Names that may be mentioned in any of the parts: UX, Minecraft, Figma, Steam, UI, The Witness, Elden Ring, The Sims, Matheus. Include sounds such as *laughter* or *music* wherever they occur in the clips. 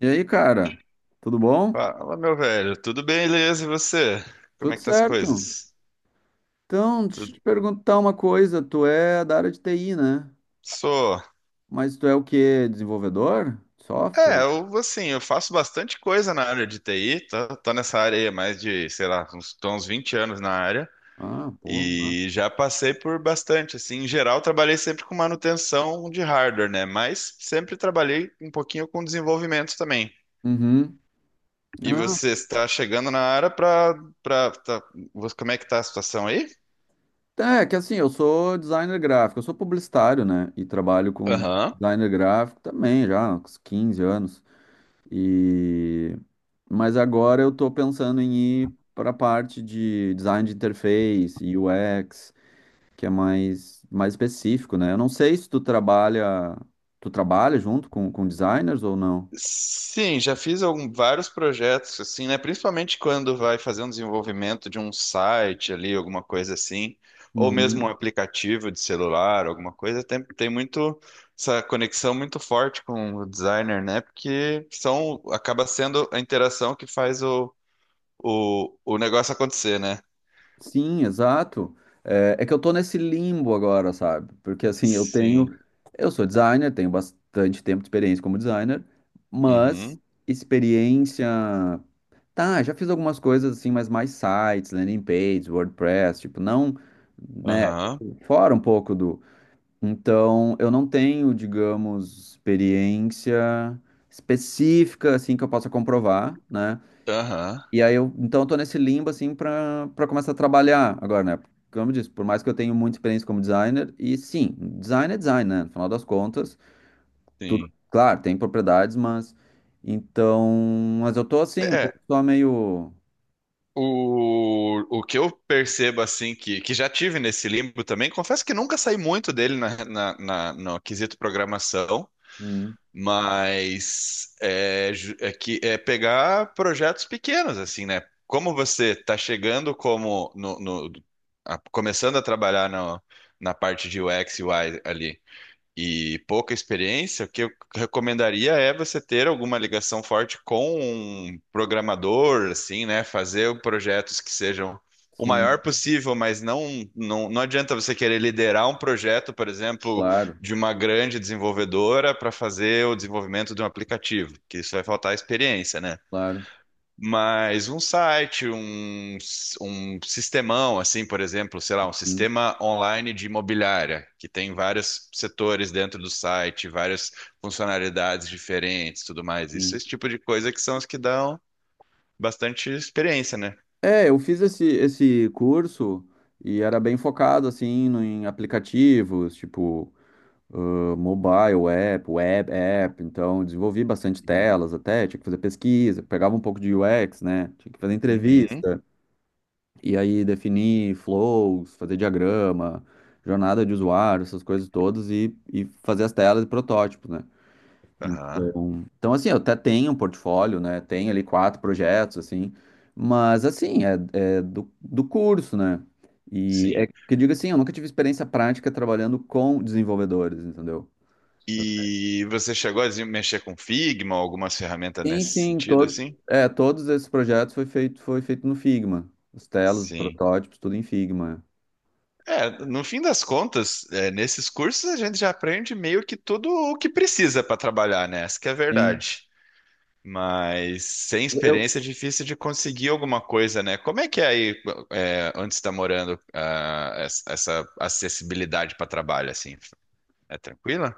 E aí, cara? Tudo bom? Fala, meu velho. Tudo bem, beleza? E você? Como é Tudo que tá as certo. coisas? Então, deixa Tudo... eu te perguntar uma coisa. Tu é da área de TI, né? Sou. Mas tu é o quê? Desenvolvedor? Software? Eu assim, eu faço bastante coisa na área de TI, tô nessa área aí há mais de, sei lá, uns, tô uns 20 anos na área Ah, pô. Ah. e já passei por bastante, assim, em geral trabalhei sempre com manutenção de hardware, né? Mas sempre trabalhei um pouquinho com desenvolvimento também. Uhum. E você está chegando na área pra, você- como é que tá a situação aí? Ah, é que assim, eu sou publicitário, né? E trabalho com Aham. designer gráfico também já há uns 15 anos. E... Mas agora eu tô pensando em ir para a parte de design de interface, UX, que é mais específico, né? Eu não sei se tu trabalha, tu trabalha junto com designers ou não. Sim, vários projetos assim, né? Principalmente quando vai fazer um desenvolvimento de um site ali, alguma coisa assim, ou mesmo um Uhum. aplicativo de celular, alguma coisa, tem muito essa conexão muito forte com o designer, né? Porque são, acaba sendo a interação que faz o negócio acontecer, né? Sim, exato. É, é que eu tô nesse limbo agora, sabe? Porque assim, eu Sim. tenho, eu sou designer, tenho bastante tempo de experiência como designer, mas Uhum. experiência, tá, já fiz algumas coisas assim, mas mais sites, landing pages, WordPress, tipo, não, né, Aham. tipo, fora um pouco do. Então, eu não tenho, digamos, experiência específica assim que eu possa comprovar, né? Aham. E aí eu, então eu tô nesse limbo assim para começar a trabalhar agora, né? Como eu disse, por mais que eu tenha muita experiência como designer, e sim, design é design, né? No final das contas, tudo, Sim. claro, tem propriedades, mas então, mas eu tô assim, um pouco É, só meio, o que eu percebo, assim, que já tive nesse limbo também, confesso que nunca saí muito dele no quesito programação, hum, mas é que é pegar projetos pequenos, assim, né? Como você está chegando como no, no- a- começando a trabalhar na parte de UX e UI ali, e pouca experiência, o que eu recomendaria é você ter alguma ligação forte com um programador, assim, né? Fazer projetos que sejam o sim, maior possível, mas não adianta você querer liderar um projeto, por exemplo, claro, de uma grande desenvolvedora para fazer o desenvolvimento de um aplicativo, que isso vai faltar experiência, né? claro, Mas um site, um sistemão, assim, por exemplo, sei lá, um hum, sistema online de imobiliária, que tem vários setores dentro do site, várias funcionalidades diferentes, tudo mais. Isso, sim. esse tipo de coisa que são as que dão bastante experiência, né? É, eu fiz esse curso e era bem focado assim no, em aplicativos, tipo ah, mobile app, web app, então desenvolvi bastante Uhum. telas até, tinha que fazer pesquisa, pegava um pouco de UX, né? Tinha que fazer Uhum. entrevista e aí definir flows, fazer diagrama, jornada de usuário, essas coisas todas e fazer as telas e protótipos, né? Aham. Então, assim, eu até tenho um portfólio, né? Tenho ali 4 projetos, assim, mas assim, é, é do curso, né? E Sim. é que eu digo assim, eu nunca tive experiência prática trabalhando com desenvolvedores, entendeu? E você chegou a mexer com Figma, algumas ferramentas Sim, nesse sim, sentido, todos, assim? é, todos esses projetos foi feito no Figma. Os telos, os Sim. protótipos, tudo em Figma. É, no fim das contas, é, nesses cursos a gente já aprende meio que tudo o que precisa para trabalhar, né? Essa que é a Sim. verdade. Mas sem Eu, experiência é difícil de conseguir alguma coisa, né? Como é que é aí, é, onde você está morando, ah, essa acessibilidade para trabalho, assim? É tranquila?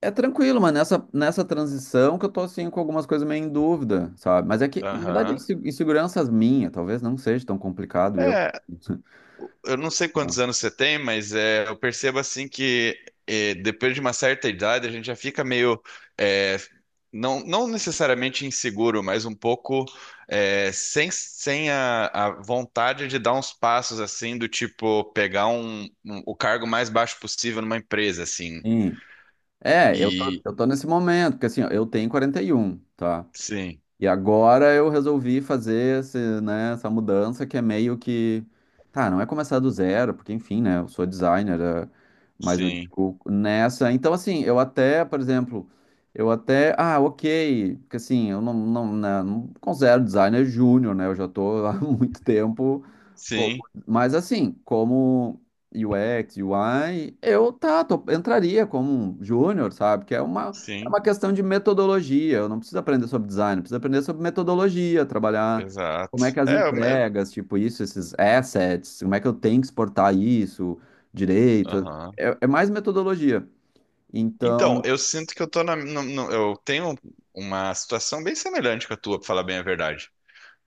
é tranquilo, mas nessa, nessa transição que eu tô assim com algumas coisas meio em dúvida, sabe? Mas é que, na verdade, é Aham. Inseguranças minhas, talvez não seja tão complicado eu. É, *laughs* eu não sei quantos anos você tem, mas é, eu percebo assim que é, depois de uma certa idade a gente já fica meio é, não necessariamente inseguro, mas um pouco é, sem a vontade de dar uns passos assim do tipo pegar o cargo mais baixo possível numa empresa assim. Sim. É, eu E tô, eu tô nesse momento, porque assim, ó, eu tenho 41, tá? sim, E agora eu resolvi fazer esse, né, essa mudança que é meio que. Tá, não é começar do zero, porque enfim, né? Eu sou designer, é, mas eu sim, digo nessa. Então, assim, eu até, por exemplo, eu até. Ah, ok, porque assim, eu não considero designer júnior, né? Eu já tô *laughs* há muito tempo. Como... sim, Mas assim, como UX, UI, entraria como um júnior, sabe? Que é sim, uma questão de metodologia. Eu não preciso aprender sobre design, eu preciso aprender sobre metodologia, trabalhar como é exato. que as entregas, tipo isso, esses assets, como é que eu tenho que exportar isso direito. Aham. É, é mais metodologia. Então, Então, eu sinto que eu tô na, no- no- eu tenho uma situação bem semelhante com a tua, pra falar bem a verdade.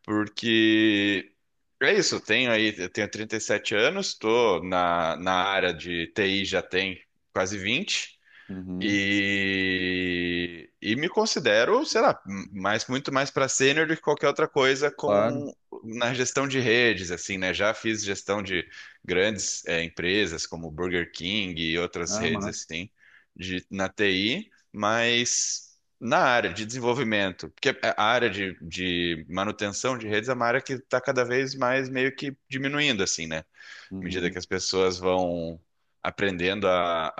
Porque é isso, eu tenho aí, eu tenho 37 anos, tô na área de TI já tem quase 20. uhum, E me considero, sei lá, muito mais para sênior do que qualquer outra coisa claro. com na gestão de redes, assim, né? Já fiz gestão de grandes empresas como Burger King e outras Ah, redes massa. assim na TI, mas na área de desenvolvimento, porque a área de manutenção de redes é uma área que está cada vez mais meio que diminuindo, assim, né? À medida que Uhum. as pessoas vão aprendendo a,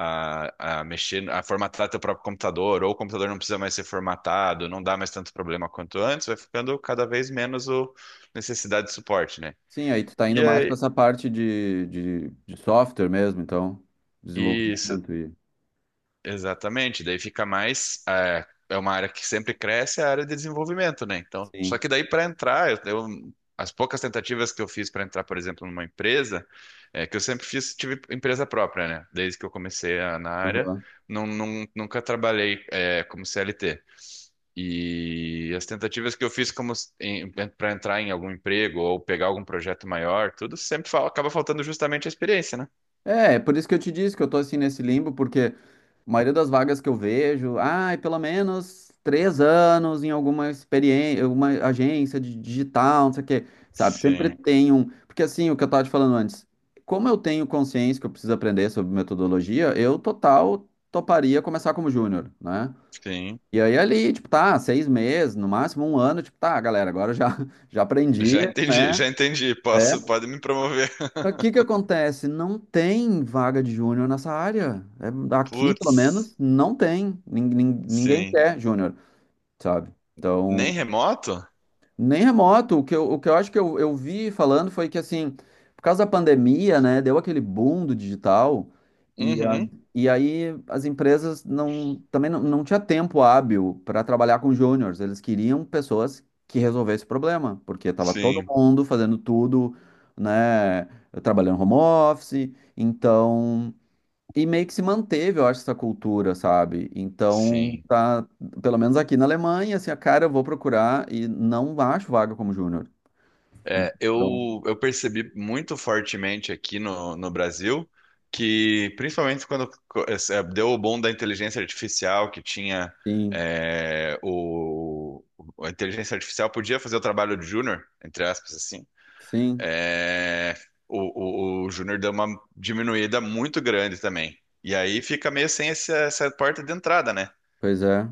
a, a mexer, a formatar teu próprio computador, ou o computador não precisa mais ser formatado, não dá mais tanto problema quanto antes, vai ficando cada vez menos o necessidade de suporte, né? Sim, aí tu tá E, indo mais para aí, essa parte de software mesmo, então, isso. desenvolvimento e. Exatamente, daí fica mais. É, é uma área que sempre cresce, é a área de desenvolvimento, né? Então, só Sim. que daí para entrar, as poucas tentativas que eu fiz para entrar, por exemplo, numa empresa, é, que eu sempre fiz, tive empresa própria, né? Desde que eu na área, Uhum. Nunca trabalhei é, como CLT. E as tentativas que eu fiz como para entrar em algum emprego ou pegar algum projeto maior, tudo sempre acaba faltando justamente a experiência, né? É, é por isso que eu te disse que eu tô assim nesse limbo, porque a maioria das vagas que eu vejo, ai, pelo menos 3 anos em alguma experiência, alguma agência de digital, não sei o quê, sabe? Sempre Sim, tem um. Porque assim, o que eu tava te falando antes, como eu tenho consciência que eu preciso aprender sobre metodologia, eu total toparia começar como júnior, né? sim. E aí ali, tipo, tá, 6 meses, no máximo um ano, tipo, tá, galera, agora eu já, *laughs* já aprendi, Já entendi, né? já entendi. É Posso, pode me promover. só que o que que acontece? Não tem vaga de júnior nessa área. É, *laughs* aqui, pelo Putz, menos, não tem. Ninguém sim. quer júnior, sabe? Nem Então. remoto? Nem remoto. O que eu acho que eu vi falando foi que, assim, por causa da pandemia, né, deu aquele boom do digital e, Uhum, e aí as empresas não, também não, não tinha tempo hábil para trabalhar com júniors. Eles queriam pessoas que resolvessem o problema, porque estava todo sim, mundo fazendo tudo, né, trabalhando home office. Então, e meio que se manteve, eu acho, essa cultura, sabe? Então, sim. tá, pelo menos aqui na Alemanha, assim, a cara, eu vou procurar e não acho vaga como júnior. É, Então, eu percebi muito fortemente aqui no Brasil que, principalmente quando deu o boom da inteligência artificial, que tinha sim, é, o, a inteligência artificial podia fazer o trabalho de júnior, entre aspas, assim. sim, É, o Júnior deu uma diminuída muito grande também. E aí fica meio sem esse- essa porta de entrada, né? pois é.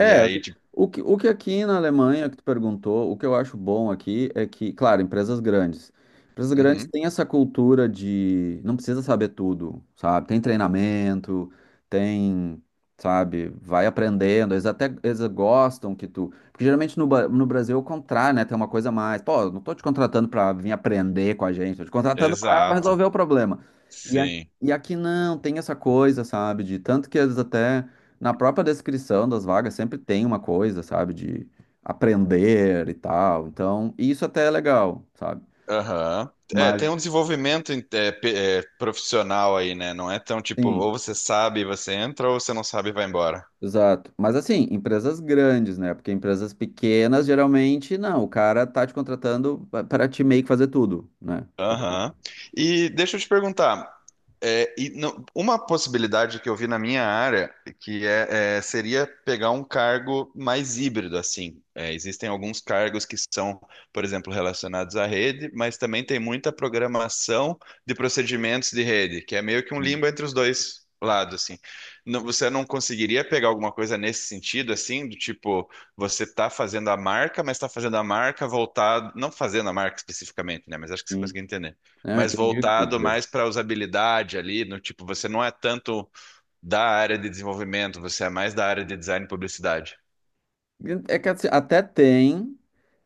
E aí, tipo, o que aqui na Alemanha, que tu perguntou, o que eu acho bom aqui é que, claro, empresas grandes. Empresas grandes uhum, têm essa cultura de não precisa saber tudo, sabe? Tem treinamento, tem, sabe, vai aprendendo. Eles até eles gostam que tu. Porque geralmente no, no Brasil é o contrário, né? Tem uma coisa a mais. Pô, eu não tô te contratando pra vir aprender com a gente, tô te contratando pra exato, resolver o problema. E, a, sim. e aqui não, tem essa coisa, sabe? De tanto que eles até. Na própria descrição das vagas sempre tem uma coisa, sabe, de aprender e tal. Então, isso até é legal, sabe? Aham. É, Mas, tem um desenvolvimento é, profissional aí, né? Não é tão tipo, sim, ou você sabe e você entra, ou você não sabe e vai embora. exato. Mas, assim, empresas grandes, né? Porque empresas pequenas, geralmente, não. O cara tá te contratando para te meio que fazer tudo, né? Então, Aham. E deixa eu te perguntar, é, e não- uma possibilidade que eu vi na minha área que seria pegar um cargo mais híbrido, assim. É, existem alguns cargos que são, por exemplo, relacionados à rede, mas também tem muita programação de procedimentos de rede, que é meio que um limbo entre os dois lados, assim. Não- você não conseguiria pegar alguma coisa nesse sentido, assim, do tipo, você está fazendo a marca, mas está fazendo a marca voltado, não fazendo a marca especificamente, né? Mas acho que você sim. conseguiu entender Não, mas entendi o que tu quis voltado dizer. mais para usabilidade ali, no tipo, você não é tanto da área de desenvolvimento, você é mais da área de design e publicidade. É que assim, até tem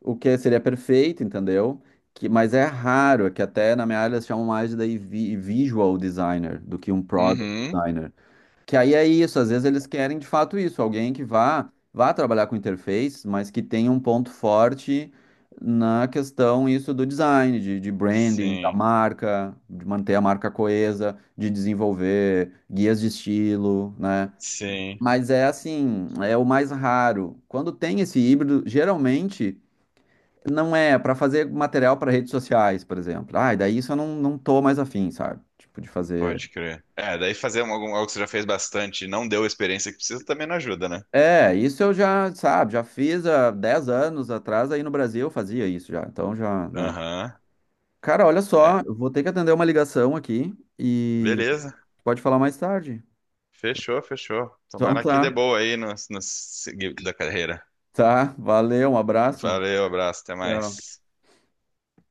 o que seria perfeito, entendeu? Que, mas é raro, é que até na minha área eles chamam mais de daí visual designer do que um product Uhum. designer. Que aí é isso, às vezes eles querem de fato isso, alguém que vá trabalhar com interface, mas que tenha um ponto forte na questão isso do design, de branding, da Sim, marca, de manter a marca coesa, de desenvolver guias de estilo, né? sim, Mas é assim, é o mais raro. Quando tem esse híbrido, geralmente não é para fazer material para redes sociais, por exemplo. Ah, e daí isso eu não tô mais afim, sabe? Tipo, de fazer. pode crer. É, daí fazer algo que você já fez bastante e não deu a experiência que precisa também não ajuda, né? É, isso eu já, sabe, já fiz há 10 anos atrás, aí no Brasil eu fazia isso já. Então já, né? Aham, Cara, olha só, é. eu vou ter que atender uma ligação aqui e Beleza. pode falar mais tarde. Fechou, fechou. Então Tomara que tá, dê boa aí no seguir da carreira. tá, valeu, um abraço. Valeu, abraço, até Tchau. mais.